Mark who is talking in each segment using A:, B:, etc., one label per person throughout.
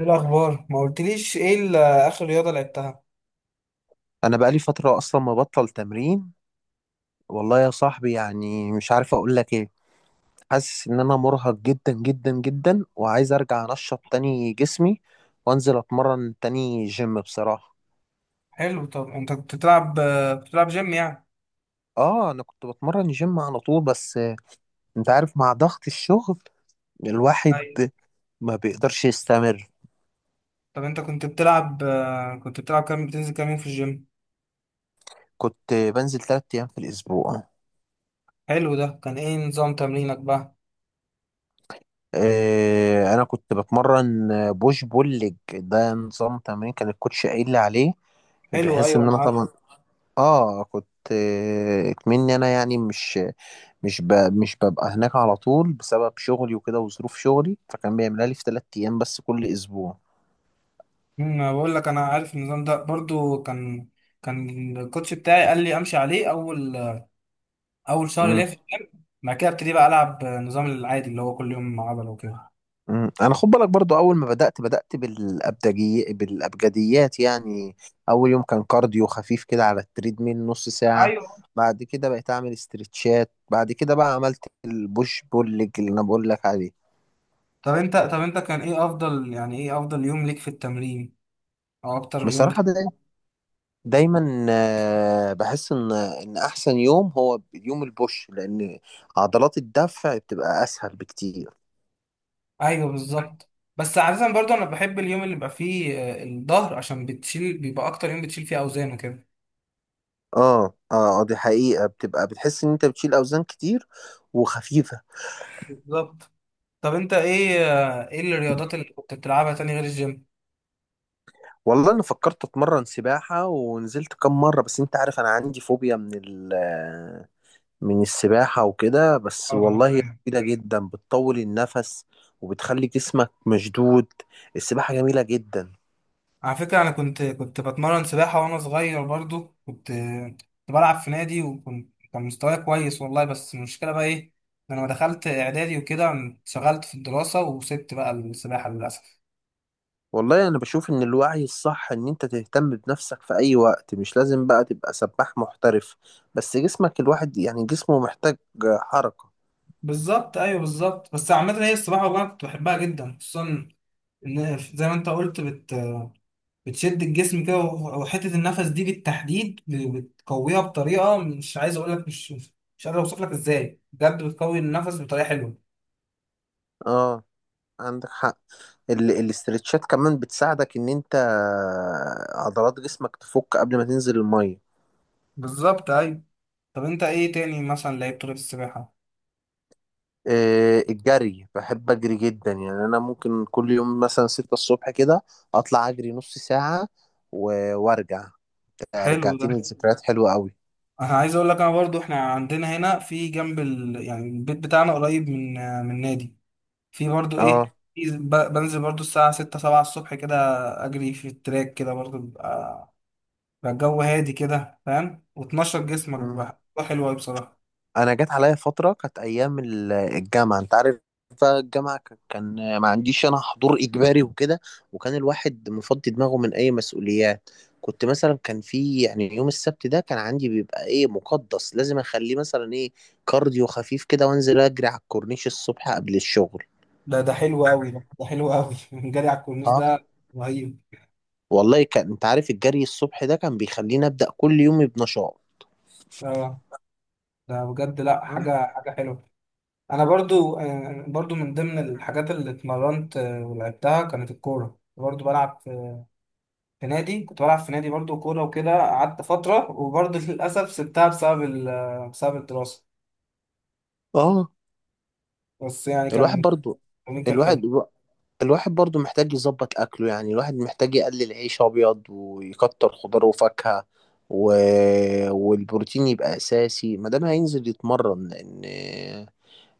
A: ايه الاخبار ما قلتليش ايه اخر رياضه لعبتها.
B: انا بقالي فتره اصلا مبطل تمرين. والله يا صاحبي يعني مش عارف اقول لك ايه. حاسس ان انا مرهق جدا جدا جدا وعايز ارجع انشط تاني جسمي وانزل اتمرن تاني جيم بصراحه.
A: حلو، طب انت كنت بتلعب، كنت بتلعب جيم يعني؟
B: اه انا كنت بتمرن جيم على طول بس انت عارف مع ضغط الشغل. الواحد
A: ايوه.
B: ما بيقدرش يستمر.
A: طب انت كنت بتلعب، كنت بتلعب كام، بتنزل كام يوم في الجيم؟
B: كنت بنزل ثلاث ايام في الاسبوع.
A: حلو، ده كان ايه نظام تمرينك بقى؟
B: آه انا كنت بتمرن بوش بول ليج، ده نظام تمرين كان الكوتش قايل لي عليه،
A: حلو
B: بحيث ان
A: ايوه انا
B: انا
A: عارف.
B: طبعا اه كنت آه، مني انا يعني مش ببقى هناك على طول بسبب شغلي وكده وظروف شغلي، فكان بيعملها لي في ثلاث ايام بس كل اسبوع.
A: بقول لك انا عارف النظام ده برضو، كان الكوتش بتاعي قال لي امشي عليه اول، اول شهر
B: مم.
A: ليا في الجيم، بعد كده ابتدي بقى العب، النظام العادي اللي هو كل يوم عضله وكده.
B: مم. انا خد بالك برضو اول ما بدأت بالابدجي بالابجديات يعني. اول يوم كان كارديو خفيف كده على التريدميل نص ساعة.
A: ايوه.
B: بعد كده بقيت اعمل استرتشات، بعد كده بقى عملت البوش بول ليج اللي انا بقول لك عليه.
A: طب انت كان ايه افضل، يعني ايه افضل يوم ليك في التمرين او اكتر يوم؟
B: بصراحة ده دايما بحس ان احسن يوم هو يوم البوش، لان عضلات الدفع بتبقى اسهل بكتير.
A: ايوه بالظبط. بس عادة برضو انا بحب اليوم اللي بيبقى فيه، الظهر، عشان بتشيل، بيبقى اكتر يوم بتشيل فيه اوزان وكده.
B: اه. اه دي حقيقة، بتبقى بتحس ان انت بتشيل اوزان كتير وخفيفة.
A: بالظبط. طب انت ايه، ايه الرياضات اللي كنت بتلعبها تاني غير الجيم؟
B: والله انا فكرت اتمرن سباحة ونزلت كام مرة، بس انت عارف انا عندي فوبيا من السباحة وكده، بس
A: اه
B: والله هي
A: ايوه.
B: مفيدة جدا، بتطول النفس وبتخلي جسمك مشدود. السباحة جميلة جدا.
A: على فكرة انا كنت بتمرن سباحة وانا صغير برضو، كنت بلعب في نادي، وكنت كان مستواي كويس والله، بس المشكلة بقى ايه، إن انا لما دخلت اعدادي وكده انشغلت في الدراسة وسبت بقى السباحة للاسف.
B: والله انا بشوف ان الوعي الصح ان انت تهتم بنفسك في اي وقت، مش لازم بقى تبقى سباح محترف، بس جسمك الواحد يعني جسمه محتاج حركة.
A: بالظبط ايوه بالظبط. بس عامة هي السباحة والله كنت بحبها جدا، خصوصا زي ما انت قلت، بتشد الجسم كده، وحته النفس دي بالتحديد بتقويها بطريقه، مش عايز اقول لك، مش قادر اوصف لك ازاي، بجد بتقوي النفس بطريقه حلوه.
B: اه عندك حق. الاسترتشات كمان بتساعدك ان انت عضلات جسمك تفك قبل ما تنزل المية.
A: بالظبط ايوه. طب انت ايه تاني مثلا لعبت غير السباحه؟
B: الجري بحب اجري جدا يعني، انا ممكن كل يوم مثلا ستة الصبح كده اطلع اجري نص ساعة وارجع.
A: حلو ده.
B: رجعتني لذكريات حلوة قوي.
A: انا عايز اقول لك، انا برضو احنا عندنا هنا في جنب يعني البيت بتاعنا قريب من، نادي، في برضو
B: اه.
A: ايه، في بنزل برضو الساعه 6 7 الصبح كده، اجري في التراك كده برضو، بقى الجو هادي كده فاهم، وتنشط جسمك
B: مم.
A: بقى، ده حلو قوي بصراحة.
B: انا جت عليا فتره كانت ايام الجامعه، انت عارف بقى الجامعه كان ما عنديش انا حضور اجباري وكده، وكان الواحد مفضي دماغه من اي مسؤوليات. كنت مثلا كان في يعني يوم السبت ده كان عندي بيبقى ايه مقدس، لازم اخليه مثلا ايه كارديو خفيف كده، وانزل اجري على الكورنيش الصبح قبل الشغل.
A: ده حلو قوي، ده حلو قوي جري على الكورنيش
B: اه
A: ده رهيب.
B: والله كان، انت عارف، الجري الصبح ده كان بيخليني ابدا كل يوم بنشاط.
A: اه ده بجد لا، حاجة حلوة. انا برضو، برضو من ضمن الحاجات اللي اتمرنت، ولعبتها كانت الكورة، برضو بلعب في، في نادي، كنت بلعب في نادي برضو كورة وكده قعدت فترة، وبرضو للأسف سبتها بسبب بسبب الدراسة.
B: اه.
A: بس يعني
B: الواحد
A: كان،
B: برضو،
A: كان
B: الواحد
A: حلو.
B: الواحد برضو محتاج يظبط أكله يعني، الواحد محتاج يقلل عيش أبيض ويكتر خضار وفاكهة و... والبروتين يبقى أساسي ما دام هينزل يتمرن، لأن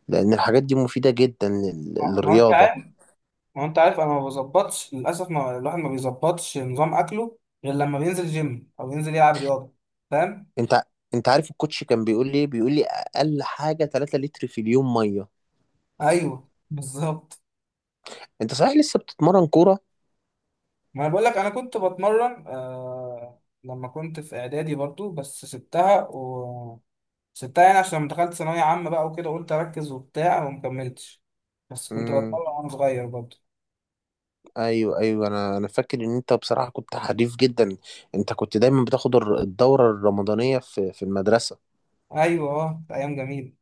B: لأن الحاجات دي مفيدة جدا
A: ما هو انت،
B: للرياضة.
A: ما هو انت عارف انا ما بظبطش للاسف، ما الواحد ما بيظبطش نظام اكله غير لما بينزل جيم او ينزل يلعب رياضه، فاهم.
B: أنت أنت عارف الكوتش كان بيقول لي إيه؟ بيقول لي أقل حاجة 3 لتر في اليوم مية.
A: ايوه بالظبط.
B: أنت صحيح لسه بتتمرن كورة؟
A: ما انا بقول لك، انا كنت بتمرن آه لما كنت في اعدادي برضو، بس سبتها و، سبتها يعني عشان لما دخلت ثانويه عامه بقى وكده قلت اركز وبتاع وما كملتش، بس كنت
B: امم.
A: بتمرن وانا صغير برضو.
B: أيوه، أيوه، أنا فاكر إن أنت بصراحة كنت حريف جدا. أنت كنت دايما بتاخد الدورة الرمضانية في المدرسة.
A: ايوه اه كانت ايام جميله.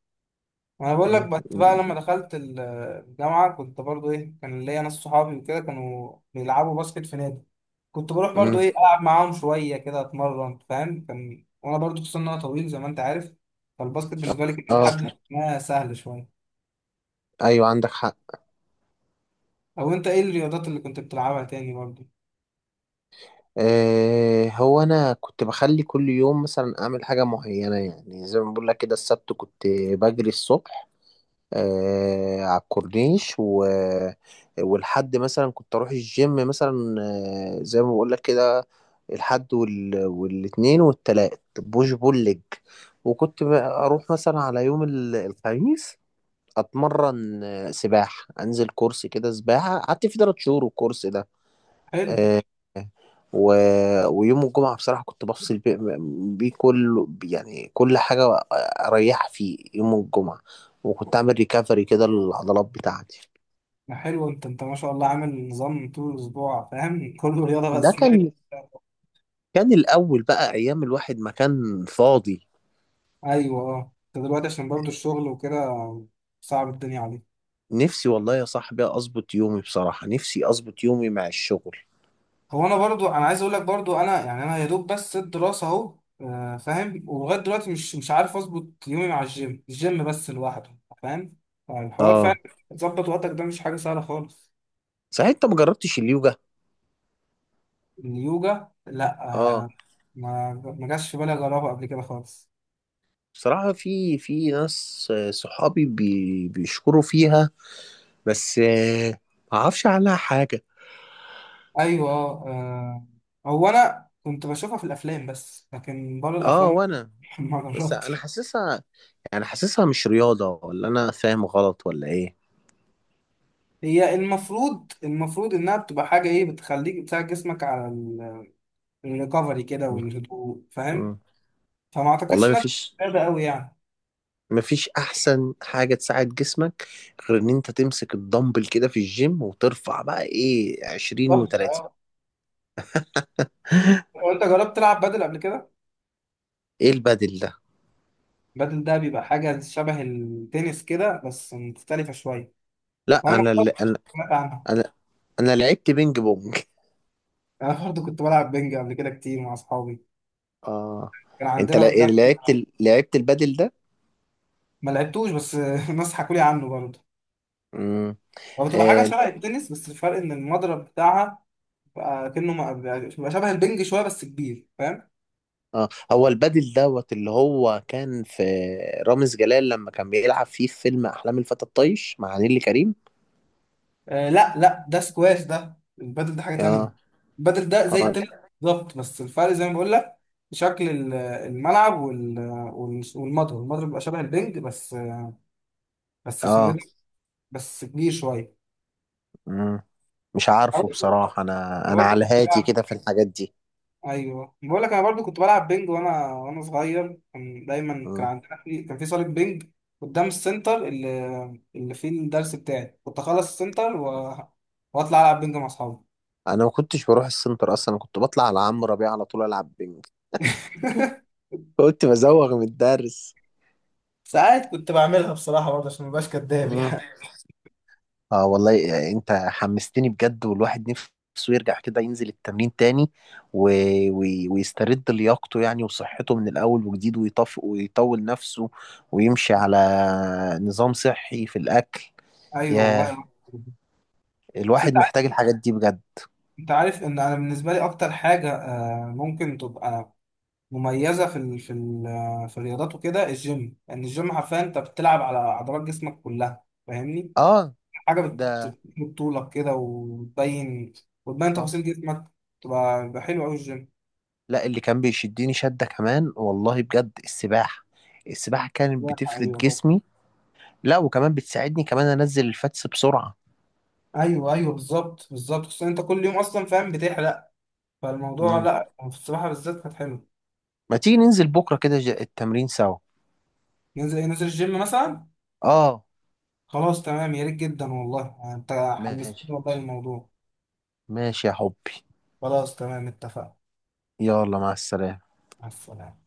A: ما انا بقول لك، بس بقى
B: مم.
A: لما دخلت الجامعه، كنت برضو ايه، كان ليا ناس صحابي وكده كانوا بيلعبوا باسكت في نادي، كنت بروح برضو
B: امم.
A: ايه العب معاهم شويه كده اتمرن فاهم، كان وانا برضو خصوصا ان انا طويل زي ما انت عارف، فالباسكت بالنسبه لي كان
B: اه،
A: لحد ما سهل شويه.
B: ايوه عندك حق.
A: او انت ايه الرياضات اللي كنت بتلعبها تاني برضو؟
B: آه هو انا كنت بخلي كل يوم مثلا اعمل حاجه معينه، يعني زي ما بقول لك كده، السبت كنت بجري الصبح على الكورنيش والحد مثلا كنت اروح الجيم مثلا، زي ما بقول لك كده، الحد والاثنين والتلات بوش بول ليج، وكنت اروح مثلا على يوم الخميس اتمرن سباحه، انزل كورس كده سباحه قعدت فيه ثلاث شهور الكورس ده.
A: حلو.
B: آه، و... ويوم الجمعة بصراحة كنت بفصل بيه، بيه كل يعني كل حاجة، أريح فيه يوم الجمعة، وكنت أعمل ريكفري كده للعضلات بتاعتي.
A: ما حلو انت ما شاء الله عامل نظام طول الاسبوع فاهم كله رياضه
B: ده
A: بس دايت.
B: كان كان الأول بقى أيام الواحد ما كان فاضي.
A: ايوه اه. انت دلوقتي عشان برضو الشغل وكده صعب الدنيا عليك.
B: نفسي والله يا صاحبي أظبط يومي، بصراحة نفسي أظبط يومي مع الشغل.
A: هو انا برضو، انا عايز اقول لك برضو، انا يعني انا يا دوب بس الدراسه اهو، فاهم، ولغايه دلوقتي مش عارف اظبط يومي مع الجيم، الجيم بس لوحده فاهم، فالحوار
B: آه.
A: فعلا تظبط وقتك ده مش حاجه سهله خالص.
B: صحيح أنت ما جربتش اليوجا؟
A: اليوجا لا.
B: آه.
A: آه، ما، ما جاش في بالي اجربها قبل كده خالص.
B: بصراحة في ناس صحابي بيشكروا فيها، بس ما أعرفش عنها حاجة.
A: ايوه هو انا كنت بشوفها في الافلام، بس لكن بره
B: اه
A: الافلام
B: وانا.
A: ما
B: بس انا
A: جربتش.
B: حاسسها، يعني حاسسها مش رياضة، ولا انا فاهم غلط ولا ايه؟
A: هي المفروض، المفروض انها بتبقى حاجه ايه بتخليك، بتساعد جسمك على الريكفري كده
B: مم.
A: والهدوء فاهم،
B: مم.
A: فما اعتقدش
B: والله
A: انها بتبقى
B: مفيش،
A: رياضه قوي يعني.
B: مفيش احسن حاجة تساعد جسمك غير ان انت تمسك الدمبل كده في الجيم وترفع بقى ايه
A: صح
B: 20
A: آه.
B: و30.
A: هو انت جربت تلعب بدل قبل كده؟
B: ايه البدل ده؟
A: بدل ده بيبقى حاجه شبه التنس كده بس مختلفه شويه،
B: لا
A: وانا ما
B: انا
A: كنت،
B: اللي انا
A: سمعت عنها.
B: انا انا لعبت بينج بونج.
A: انا برضه كنت بلعب بنج قبل كده كتير مع اصحابي
B: اه،
A: كان
B: انت
A: عندنا قدام.
B: لعبت لعبت البدل ده؟
A: ما لعبتوش بس الناس حكوا لي عنه برضه. هو بتبقى حاجه
B: امم.
A: شبه التنس، بس الفرق ان المضرب بتاعها بقى كأنه بيبقى شبه البنج شويه بس كبير فاهم.
B: اه، هو البادل دوت اللي هو كان في رامز جلال لما كان بيلعب فيه في فيلم احلام الفتى الطايش مع نيللي كريم.
A: آه لا لا، ده سكواش، ده البادل ده حاجة تانية.
B: اه.
A: البادل ده زي
B: اه.
A: التنس بالظبط، بس الفرق زي ما بقول لك شكل الملعب، والمضرب، المضرب بيبقى شبه البنج بس، بس اسمه ايه
B: اه.
A: ده؟ بس كبير شوية.
B: مم. مش عارفه بصراحة، انا
A: انا
B: انا
A: برضو
B: على
A: كنت
B: هاتي
A: بلعب.
B: كده في الحاجات دي.
A: ايوه بقول لك انا برضو كنت بلعب بينج وانا صغير، كان دايما كان
B: مم.
A: عندنا في، كان في صاله بينج قدام السنتر اللي، اللي فيه الدرس بتاعي، كنت اخلص السنتر واطلع العب بينج مع اصحابي.
B: انا ما كنتش بروح السنتر اصلا، انا كنت بطلع على عمرو ربيع على طول العب بينج. قلت بزوغ من الدرس.
A: ساعات كنت بعملها بصراحة برضه عشان مبقاش كداب
B: مم.
A: يعني.
B: اه والله يعني انت حمستني بجد، والواحد نفسه يرجع كده ينزل التمرين تاني و... و... ويسترد لياقته يعني وصحته من الاول وجديد، ويطف ويطول نفسه ويمشي على نظام صحي في الاكل.
A: ايوه
B: يا
A: والله. بس
B: الواحد
A: انت عارف،
B: محتاج الحاجات دي بجد.
A: انت عارف ان انا بالنسبه لي اكتر حاجه، ممكن تبقى مميزه في في في الرياضات وكده، الجيم يعني، الجيم حرفيا انت بتلعب على عضلات جسمك كلها فاهمني،
B: اه.
A: حاجه
B: ده.
A: بتمد طولك كده وتبين، وتبين
B: اه،
A: تفاصيل جسمك، تبقى بيبقى حلو قوي الجيم.
B: لا اللي كان بيشدني شدة كمان والله بجد السباحة، السباحة كانت
A: لا،
B: بتفرد
A: ايوه طبعا.
B: جسمي. لا، وكمان بتساعدني كمان انزل الفاتس بسرعة.
A: ايوه ايوه بالظبط بالظبط، خصوصا انت كل يوم اصلا فاهم بتحرق، فالموضوع
B: مم.
A: لا في السباحه بالذات كانت حلوه.
B: ما تيجي ننزل بكرة كده التمرين سوا؟
A: ننزل الجيم مثلا.
B: اه،
A: خلاص تمام يا ريت جدا والله، انت
B: ماشي.
A: حمستني والله الموضوع.
B: ماشي يا حبي،
A: خلاص تمام اتفقنا.
B: يلا مع السلامة.
A: مع السلامة.